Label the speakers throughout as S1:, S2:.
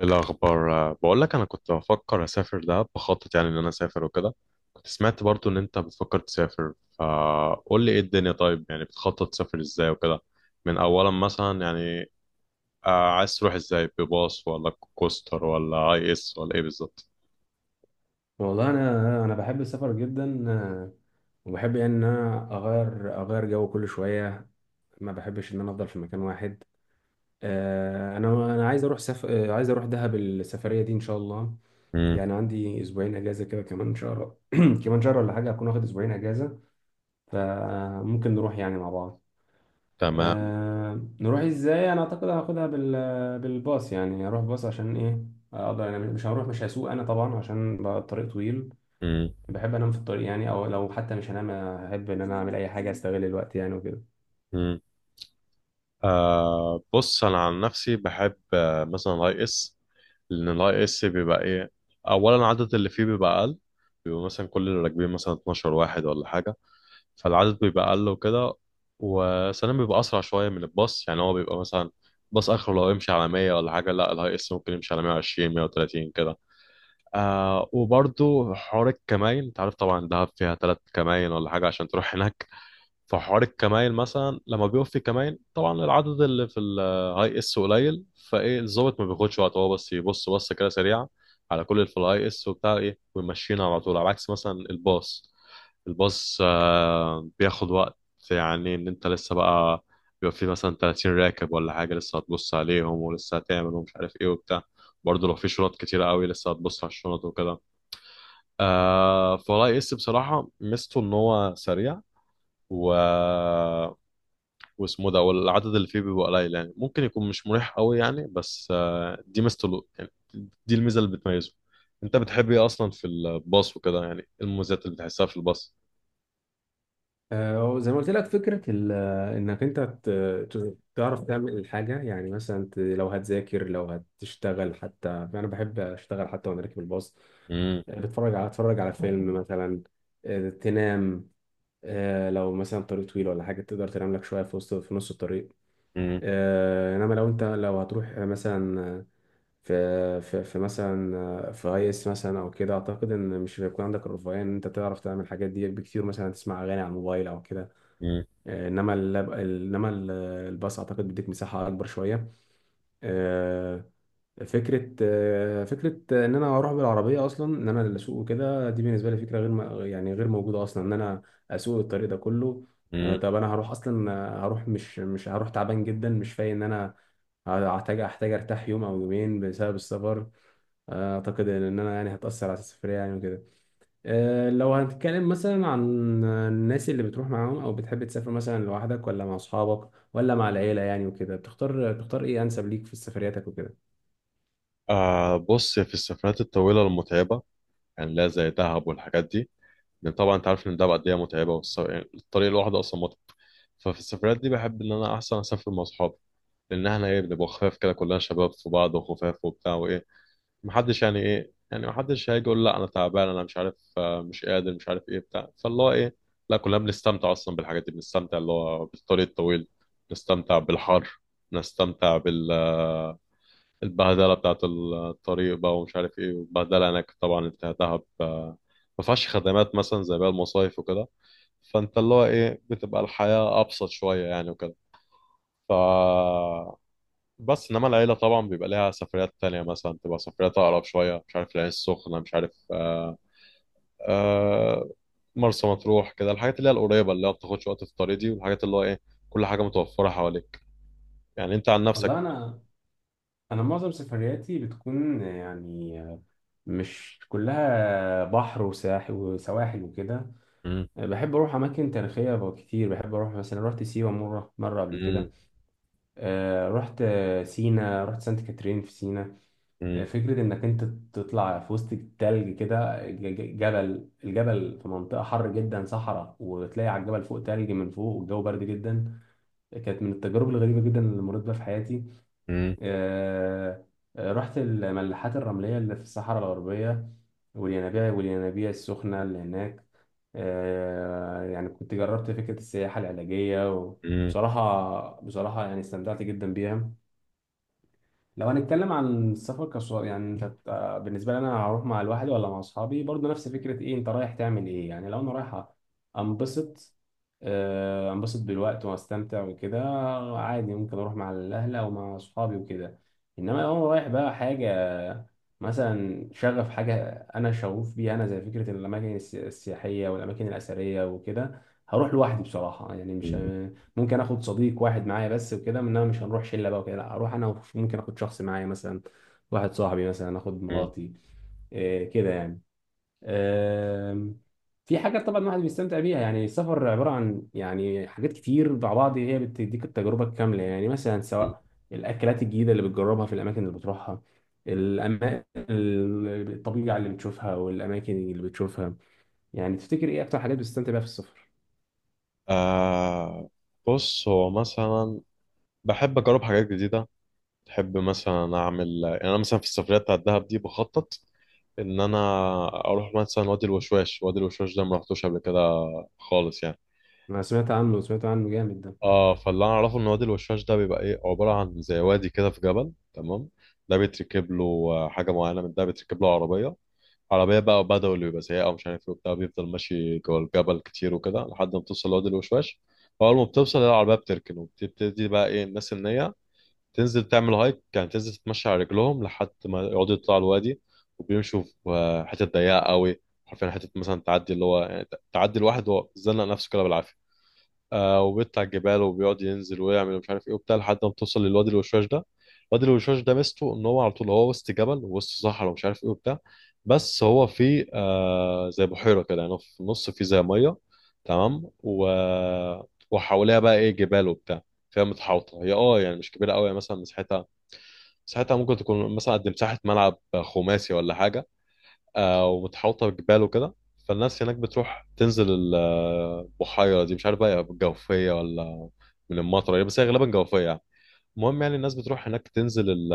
S1: إيه الأخبار؟ بقول لك أنا كنت بفكر أسافر دهب، بخطط يعني إن أنا أسافر وكده. كنت سمعت برضو إن أنت بتفكر تسافر، فقول لي إيه الدنيا؟ طيب، يعني بتخطط تسافر إزاي وكده؟ من أولا مثلا يعني، عايز تروح إزاي؟ بباص ولا كوستر ولا أي إس ولا إيه بالظبط؟
S2: والله انا بحب السفر جدا. وبحب يعني ان انا اغير جو كل شويه، ما بحبش ان انا افضل في مكان واحد. انا عايز اروح سف... آه، عايز اروح دهب السفريه دي ان شاء الله.
S1: امم.
S2: يعني عندي اسبوعين اجازه كده، كمان شهر كمان شهر ولا حاجه هكون واخد اسبوعين اجازه، فممكن نروح يعني مع بعض.
S1: تمام.
S2: أه، نروح ازاي؟ انا اعتقد هاخدها بالباص، يعني اروح باص عشان ايه؟ اقدر انا، مش هسوق انا طبعا عشان بقى الطريق طويل.
S1: امم.
S2: بحب انام في الطريق يعني، او لو حتى مش هنام، احب ان انا اعمل اي حاجه، استغل الوقت يعني وكده.
S1: امم. آه، بص أنا عن نفسي بحب مثلا أي إس. لأن الأي إس بيبقى إيه، أولا العدد اللي فيه بيبقى أقل، بيبقى مثلا كل اللي راكبين مثلا 12 واحد ولا حاجة، فالعدد بيبقى اقل وكده. وثانيا بيبقى اسرع شويه من الباص، يعني هو بيبقى مثلا باص اخره لو يمشي على 100 ولا حاجه، لا الهاي اس ممكن يمشي على 120 130 كده. آه، وبرضو حوار الكماين، انت عارف طبعا دهب فيها ثلاث كماين ولا حاجه عشان تروح هناك. فحوار الكماين مثلا لما بيقف في كماين، طبعا العدد اللي في الهاي اس قليل، فايه الظابط ما بياخدش وقت، هو بس يبص بصه كده سريعه على كل اللي في الهاي اس وبتاع ايه ويمشينا على طول. على عكس مثلا الباص، الباص بياخد وقت، يعني ان انت لسه بقى بيبقى فيه مثلا 30 راكب ولا حاجه، لسه هتبص عليهم ولسه هتعمل ومش عارف ايه وبتاع. برضه لو في شنط كتيره قوي، لسه هتبص على الشنط وكده. آه، فولا اس بصراحه ميزته ان هو سريع و واسمه ده، والعدد اللي فيه بيبقى قليل، يعني ممكن يكون مش مريح قوي يعني، بس دي ميزته يعني، دي الميزه اللي بتميزه. انت بتحب ايه اصلا في الباص وكده؟ يعني إيه المميزات اللي بتحسها في الباص؟
S2: زي ما قلت لك، فكره انك انت تعرف تعمل الحاجه، يعني مثلا لو هتذاكر، لو هتشتغل حتى. انا بحب اشتغل حتى وانا راكب الباص. بتفرج على اتفرج على فيلم مثلا. تنام. لو مثلا طريق طويل ولا حاجه، تقدر تنام لك شويه في نص الطريق.
S1: امم.
S2: انما لو هتروح مثلا في مثلا في اي اس مثلا او كده، اعتقد ان مش هيكون عندك الرفاهيه ان انت تعرف تعمل الحاجات دي بكتير، مثلا تسمع اغاني على الموبايل او كده. آه، انما اللاب ال- انما ال- الباص اعتقد بيديك مساحه اكبر شويه. آه، فكره ان انا اروح بالعربيه، اصلا ان انا اللي اسوق وكده، دي بالنسبه لي فكره غير م- يعني غير موجوده اصلا، ان انا اسوق الطريق ده كله.
S1: مم.
S2: طب انا هروح اصلا، هروح مش مش هروح تعبان جدا، مش فايق. ان انا هحتاج ارتاح يوم او يومين بسبب السفر، اعتقد ان انا يعني هتاثر على السفريه يعني وكده. أه، لو هنتكلم مثلا عن الناس اللي بتروح معاهم، او بتحب تسافر مثلا لوحدك ولا مع اصحابك ولا مع العيله يعني وكده، بتختار ايه انسب ليك في سفرياتك وكده؟
S1: آه، بص في السفرات الطويلة المتعبة، يعني لا زي دهب والحاجات دي، لأن طبعا أنت عارف إن دهب قد إيه متعبة، يعني الطريق الواحدة أصلا متعب. ففي السفرات دي بحب إن أنا أحسن أسافر مع أصحابي، لأن إحنا إيه، بنبقى خفاف كده، كلنا شباب في بعض وخفاف وبتاع وإيه. محدش يعني إيه، يعني محدش هيجي يقول لا أنا تعبان، أنا مش عارف، مش قادر، مش عارف إيه بتاع، فاللي هو إيه، لا كلنا بنستمتع أصلا بالحاجات دي. بنستمتع اللي هو بالطريق الطويل، نستمتع بالحر، نستمتع بال البهدله بتاعه الطريق بقى ومش عارف ايه، والبهدله هناك طبعا، انت دهب ما فيهاش خدمات مثلا زي باقي المصايف وكده، فانت اللي هو ايه، بتبقى الحياه ابسط شويه يعني وكده. ف بس انما العيله طبعا بيبقى ليها سفريات تانية، مثلا تبقى سفريات اقرب شويه، مش عارف العين السخنه، مش عارف آه، آه، مرسى مطروح كده، الحاجات اللي هي القريبه، اللي هي ما بتاخدش وقت في الطريق دي، والحاجات اللي هو ايه كل حاجه متوفره حواليك، يعني انت عن نفسك.
S2: والله، انا معظم سفرياتي بتكون يعني مش كلها بحر وساحل وسواحل وكده.
S1: مم.
S2: بحب اروح اماكن تاريخيه كتير، بحب اروح مثلا، رحت سيوه مره قبل
S1: مم.
S2: كده. أه، رحت سينا، رحت سانت كاترين في سينا.
S1: مم.
S2: فكرة إنك أنت تطلع في وسط التلج كده، الجبل في منطقة حر جدا صحراء، وتلاقي على الجبل فوق تلج من فوق، والجو برد جدا، كانت من التجارب الغريبة جدا اللي مريت بيها في حياتي.
S1: مم.
S2: آه، رحت الملاحات الرملية اللي في الصحراء الغربية، والينابيع السخنة اللي هناك. يعني كنت جربت فكرة السياحة العلاجية، وبصراحة يعني استمتعت جدا بيها. لو هنتكلم عن السفر كسؤال، يعني انت بالنسبه لي انا، هروح مع لوحدي ولا مع اصحابي؟ برضه نفس فكره، ايه انت رايح تعمل ايه يعني؟ لو انا رايح انبسط، انبسط بالوقت واستمتع وكده، عادي ممكن اروح مع الاهل او مع اصحابي وكده. انما لو انا رايح بقى حاجه، مثلا شغف، حاجه انا شغوف بيها، انا زي فكره الاماكن السياحيه والاماكن الاثريه وكده، هروح لوحدي بصراحه. يعني مش
S1: مم.
S2: ممكن اخد صديق واحد معايا بس وكده، انما مش هنروح شله بقى وكده، لا اروح انا ممكن اخد شخص معايا، مثلا واحد صاحبي، مثلا اخد
S1: مم.
S2: مراتي، إيه كده يعني. آم، في حاجات طبعا الواحد بيستمتع بيها، يعني السفر عباره عن يعني حاجات كتير مع بعض، هي بتديك التجربه الكامله يعني، مثلا
S1: مم.
S2: سواء الاكلات الجديده اللي بتجربها في الاماكن اللي بتروحها، الطبيعه اللي بتشوفها والاماكن اللي بتشوفها. يعني تفتكر ايه اكتر حاجات بتستمتع بيها في السفر؟
S1: آه، بص هو مثلا بحب اجرب حاجات جديده، بحب مثلا اعمل يعني، انا مثلا في السفريه بتاعت دهب دي بخطط ان انا اروح مثلا وادي الوشواش. وادي الوشواش ده ما رحتوش قبل كده خالص يعني.
S2: انا سمعت عنه جامد ده.
S1: اه، فاللي انا اعرفه ان وادي الوشواش ده بيبقى ايه، عباره عن زي وادي كده في جبل، تمام؟ ده بيتركب له حاجه معينه، من ده بيتركب له عربيه عربية بقى وبدوي ويبقى سيئة ومش عارف ايه وبتاع، بيفضل ماشي جوه الجبل كتير وكده لحد ما توصل لوادي الوشواش. فأول ما بتوصل، العربية بتركن، وبتبتدي بقى ايه الناس إن هي تنزل تعمل هايك، يعني تنزل تتمشى على رجلهم لحد ما يقعدوا يطلعوا الوادي. وبيمشوا في حتة ضيقة قوي، حرفيا حتة مثلا تعدي اللي هو يعني تعدي الواحد وهو زنق نفسه كده بالعافية. آه، وبيطلع على الجبال وبيقعد ينزل ويعمل مش عارف ايه وبتاع لحد ما بتوصل للوادي الوشواش ده. الوادي الوشواش ده ميزته ان هو على طول هو وسط جبل ووسط صحراء ومش عارف ايه وبتاع، بس هو فيه آه زي بحيرة كده يعني في النص، فيه زي مية تمام. وحواليها بقى ايه جبال وبتاع، فيها متحوطة هي، اه يعني مش كبيرة قوي يعني، مثلا مساحتها ممكن تكون مثلا قد مساحة ملعب خماسي ولا حاجة. ومتحوطه بجبال وكده. فالناس هناك بتروح تنزل البحيره دي، مش عارف بقى جوفيه ولا من المطره يعني، بس هي غالبا جوفيه يعني. المهم يعني الناس بتروح هناك تنزل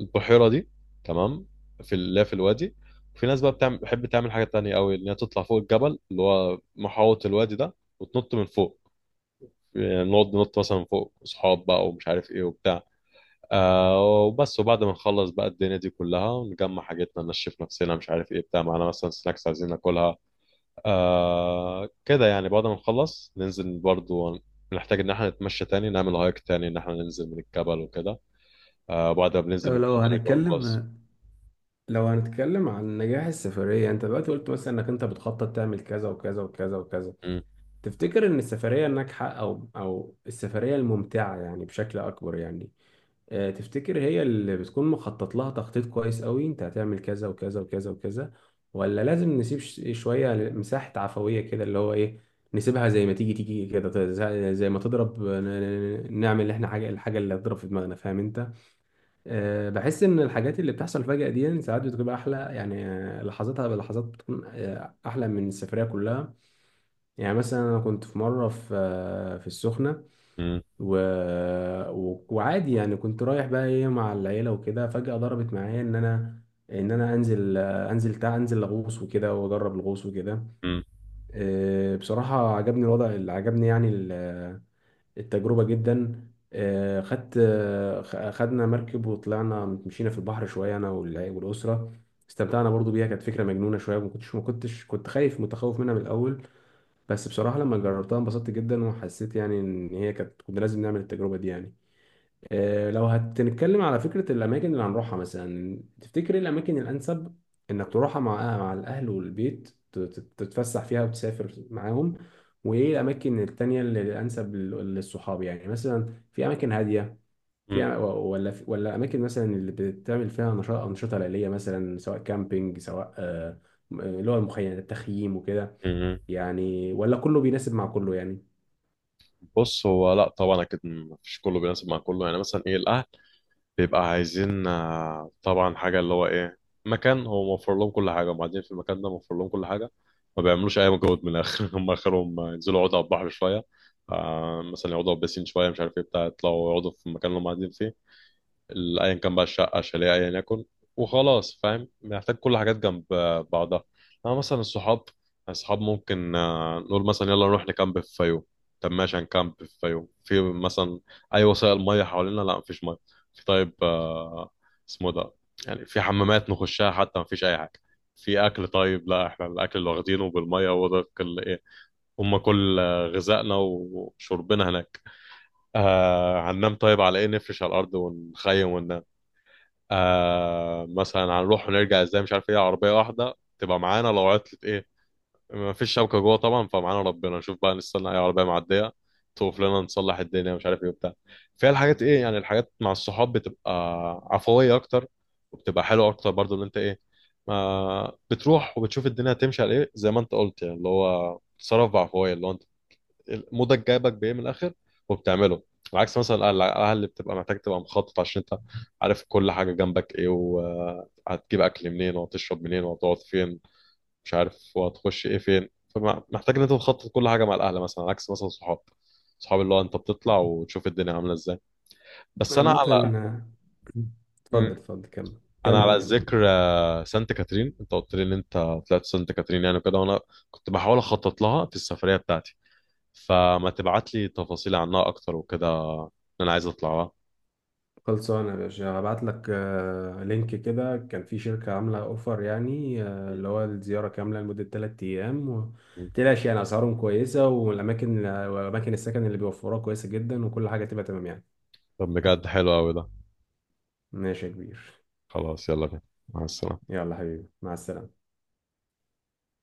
S1: البحيره دي، تمام، في اللي هي في الوادي. وفي ناس بقى بتعمل بتحب تعمل حاجه تانية قوي، ان هي تطلع فوق الجبل اللي هو محاوط الوادي ده، وتنط من فوق. يعني نقعد ننط مثلا من فوق اصحاب بقى ومش عارف ايه وبتاع. آه، وبس. وبعد ما نخلص بقى الدنيا دي كلها، نجمع حاجتنا، نشف نفسنا مش عارف ايه بتاع، معانا مثلا سناكس عايزين ناكلها. آه كده يعني. بعد ما نخلص ننزل برضو، نحتاج ان احنا نتمشى تاني نعمل هايك تاني ان احنا ننزل من الجبل وكده. آه بعد ما بننزل
S2: طب
S1: من الجبل نرجع الباص.
S2: لو هنتكلم عن نجاح السفرية، انت دلوقتي قلت مثلا انك انت بتخطط تعمل كذا وكذا وكذا وكذا،
S1: م-
S2: تفتكر ان السفرية الناجحة او السفرية الممتعة يعني بشكل اكبر يعني، تفتكر هي اللي بتكون مخطط لها تخطيط كويس قوي انت هتعمل كذا وكذا وكذا وكذا؟ ولا لازم نسيب شوية مساحة عفوية كده، اللي هو ايه، نسيبها زي ما تيجي تيجي كده، زي ما تضرب، نعمل احنا حاجة، الحاجة اللي هتضرب في دماغنا، فاهم انت؟ بحس ان الحاجات اللي بتحصل فجأة دي يعني ساعات بتبقى احلى يعني، لحظاتها بلحظات بتكون احلى من السفرية كلها. يعني مثلا انا كنت في مرة في السخنة،
S1: م-
S2: و... وعادي يعني، كنت رايح بقى ايه مع العيلة وكده، فجأة ضربت معايا ان انا، ان انا انزل، آه، انزل تع انزل اغوص وكده، واجرب الغوص وكده.
S1: م-
S2: بصراحة عجبني الوضع، اللي عجبني يعني التجربة جدا. خدنا مركب، وطلعنا مشينا في البحر شوية، أنا والأسرة، استمتعنا برضو بيها، كانت فكرة مجنونة شوية. ما كنتش كنت خايف متخوف منها من الأول، بس بصراحة لما جربتها انبسطت جدا، وحسيت يعني إن هي كنا لازم نعمل التجربة دي يعني. لو هتتكلم على فكرة الأماكن اللي هنروحها، مثلا تفتكر إيه الأماكن الأنسب إنك تروحها مع، مع الأهل والبيت، تتفسح فيها وتسافر معاهم؟ وإيه الأماكن التانية اللي الأنسب للصحاب؟ يعني مثلا في أماكن هادية، في
S1: م-
S2: أ- ولا في- ولا أماكن مثلا اللي بتعمل فيها نشاط، أنشطة ليلية مثلا، سواء كامبينج، سواء اللي هو المخيم التخييم وكده،
S1: م- م.
S2: يعني ولا كله بيناسب مع كله يعني؟
S1: بص هو لا طبعا اكيد مفيش كله بيناسب مع كله يعني. مثلا ايه، الاهل بيبقى عايزين طبعا حاجة اللي هو إيه، مكان هو موفر لهم كل حاجة. وبعدين في المكان ده موفر لهم كل حاجة، ما بيعملوش أي مجهود من الآخر هم آخرهم ينزلوا يقعدوا على البحر شوية، مثلا يقعدوا على البسين شوية، مش عارف إيه بتاع، يطلعوا يقعدوا في المكان اللي هم قاعدين فيه، ايا كان بقى، الشقه، شاليه، ايا يكن. وخلاص فاهم، محتاج كل حاجات جنب بعضها. انا مثلا الصحاب، ممكن نقول مثلا يلا نروح نكامب في فيوم. طب ماشي، هنكامب في فيوم، في مثلا اي وسائل ميه حوالينا؟ لا مفيش ميه. في طيب اسمه ده، يعني في حمامات نخشها حتى؟ مفيش اي حاجه. في اكل طيب؟ لا احنا الاكل اللي واخدينه بالميه هو ده كل ايه، هم كل غذائنا وشربنا هناك. آه هننام طيب على ايه؟ نفرش على الارض ونخيم وننام. آه مثلا هنروح ونرجع ازاي؟ مش عارف ايه، عربيه واحده تبقى معانا، لو عطلت ايه، ما فيش شبكه جوه طبعا، فمعانا ربنا، نشوف بقى، نستنى اي عربيه معديه توقف لنا نصلح الدنيا مش عارف ايه وبتاع. فيها الحاجات ايه يعني، الحاجات مع الصحاب بتبقى عفويه اكتر، وبتبقى حلوه اكتر برضو، اللي انت ايه، ما بتروح وبتشوف الدنيا هتمشي على ايه، زي ما انت قلت يعني، اللي هو تصرف بعفويه، اللي هو مودك جايبك بايه من الاخر وبتعمله. عكس مثلا القلعه، القلعة اللي بتبقى محتاج تبقى مخطط، عشان انت عارف كل حاجه جنبك ايه، وهتجيب اكل منين، وهتشرب منين، وهتقعد فين، مش عارف، وهتخش ايه فين. فمحتاج ان انت تخطط كل حاجه مع الاهل مثلا. عكس مثلا صحاب، اللي هو انت بتطلع وتشوف الدنيا عامله ازاي. بس انا
S2: عامة،
S1: على
S2: آه،
S1: م-
S2: اتفضل اتفضل، كمل
S1: انا
S2: كمل
S1: على
S2: كمل.
S1: ذكر سانت كاترين، انت قلت لي ان انت طلعت سانت كاترين يعني كده، وانا كنت بحاول اخطط لها في السفريه بتاعتي، فما تبعت لي تفاصيل عنها اكتر وكده، إن انا عايز اطلعها.
S2: خلصانة يا باشا، هبعت لك لينك كده، كان في شركة عاملة اوفر يعني، اللي هو الزيارة كاملة لمدة 3 أيام
S1: مم.
S2: متقلقش يعني، أسعارهم كويسة، والأماكن وأماكن السكن اللي بيوفروها كويسة جدا، وكل حاجة تبقى تمام يعني.
S1: طب بجد حلو قوي ده.
S2: ماشي يا كبير.
S1: خلاص يلا بينا، مع السلامة.
S2: يلا حبيبي مع السلامة.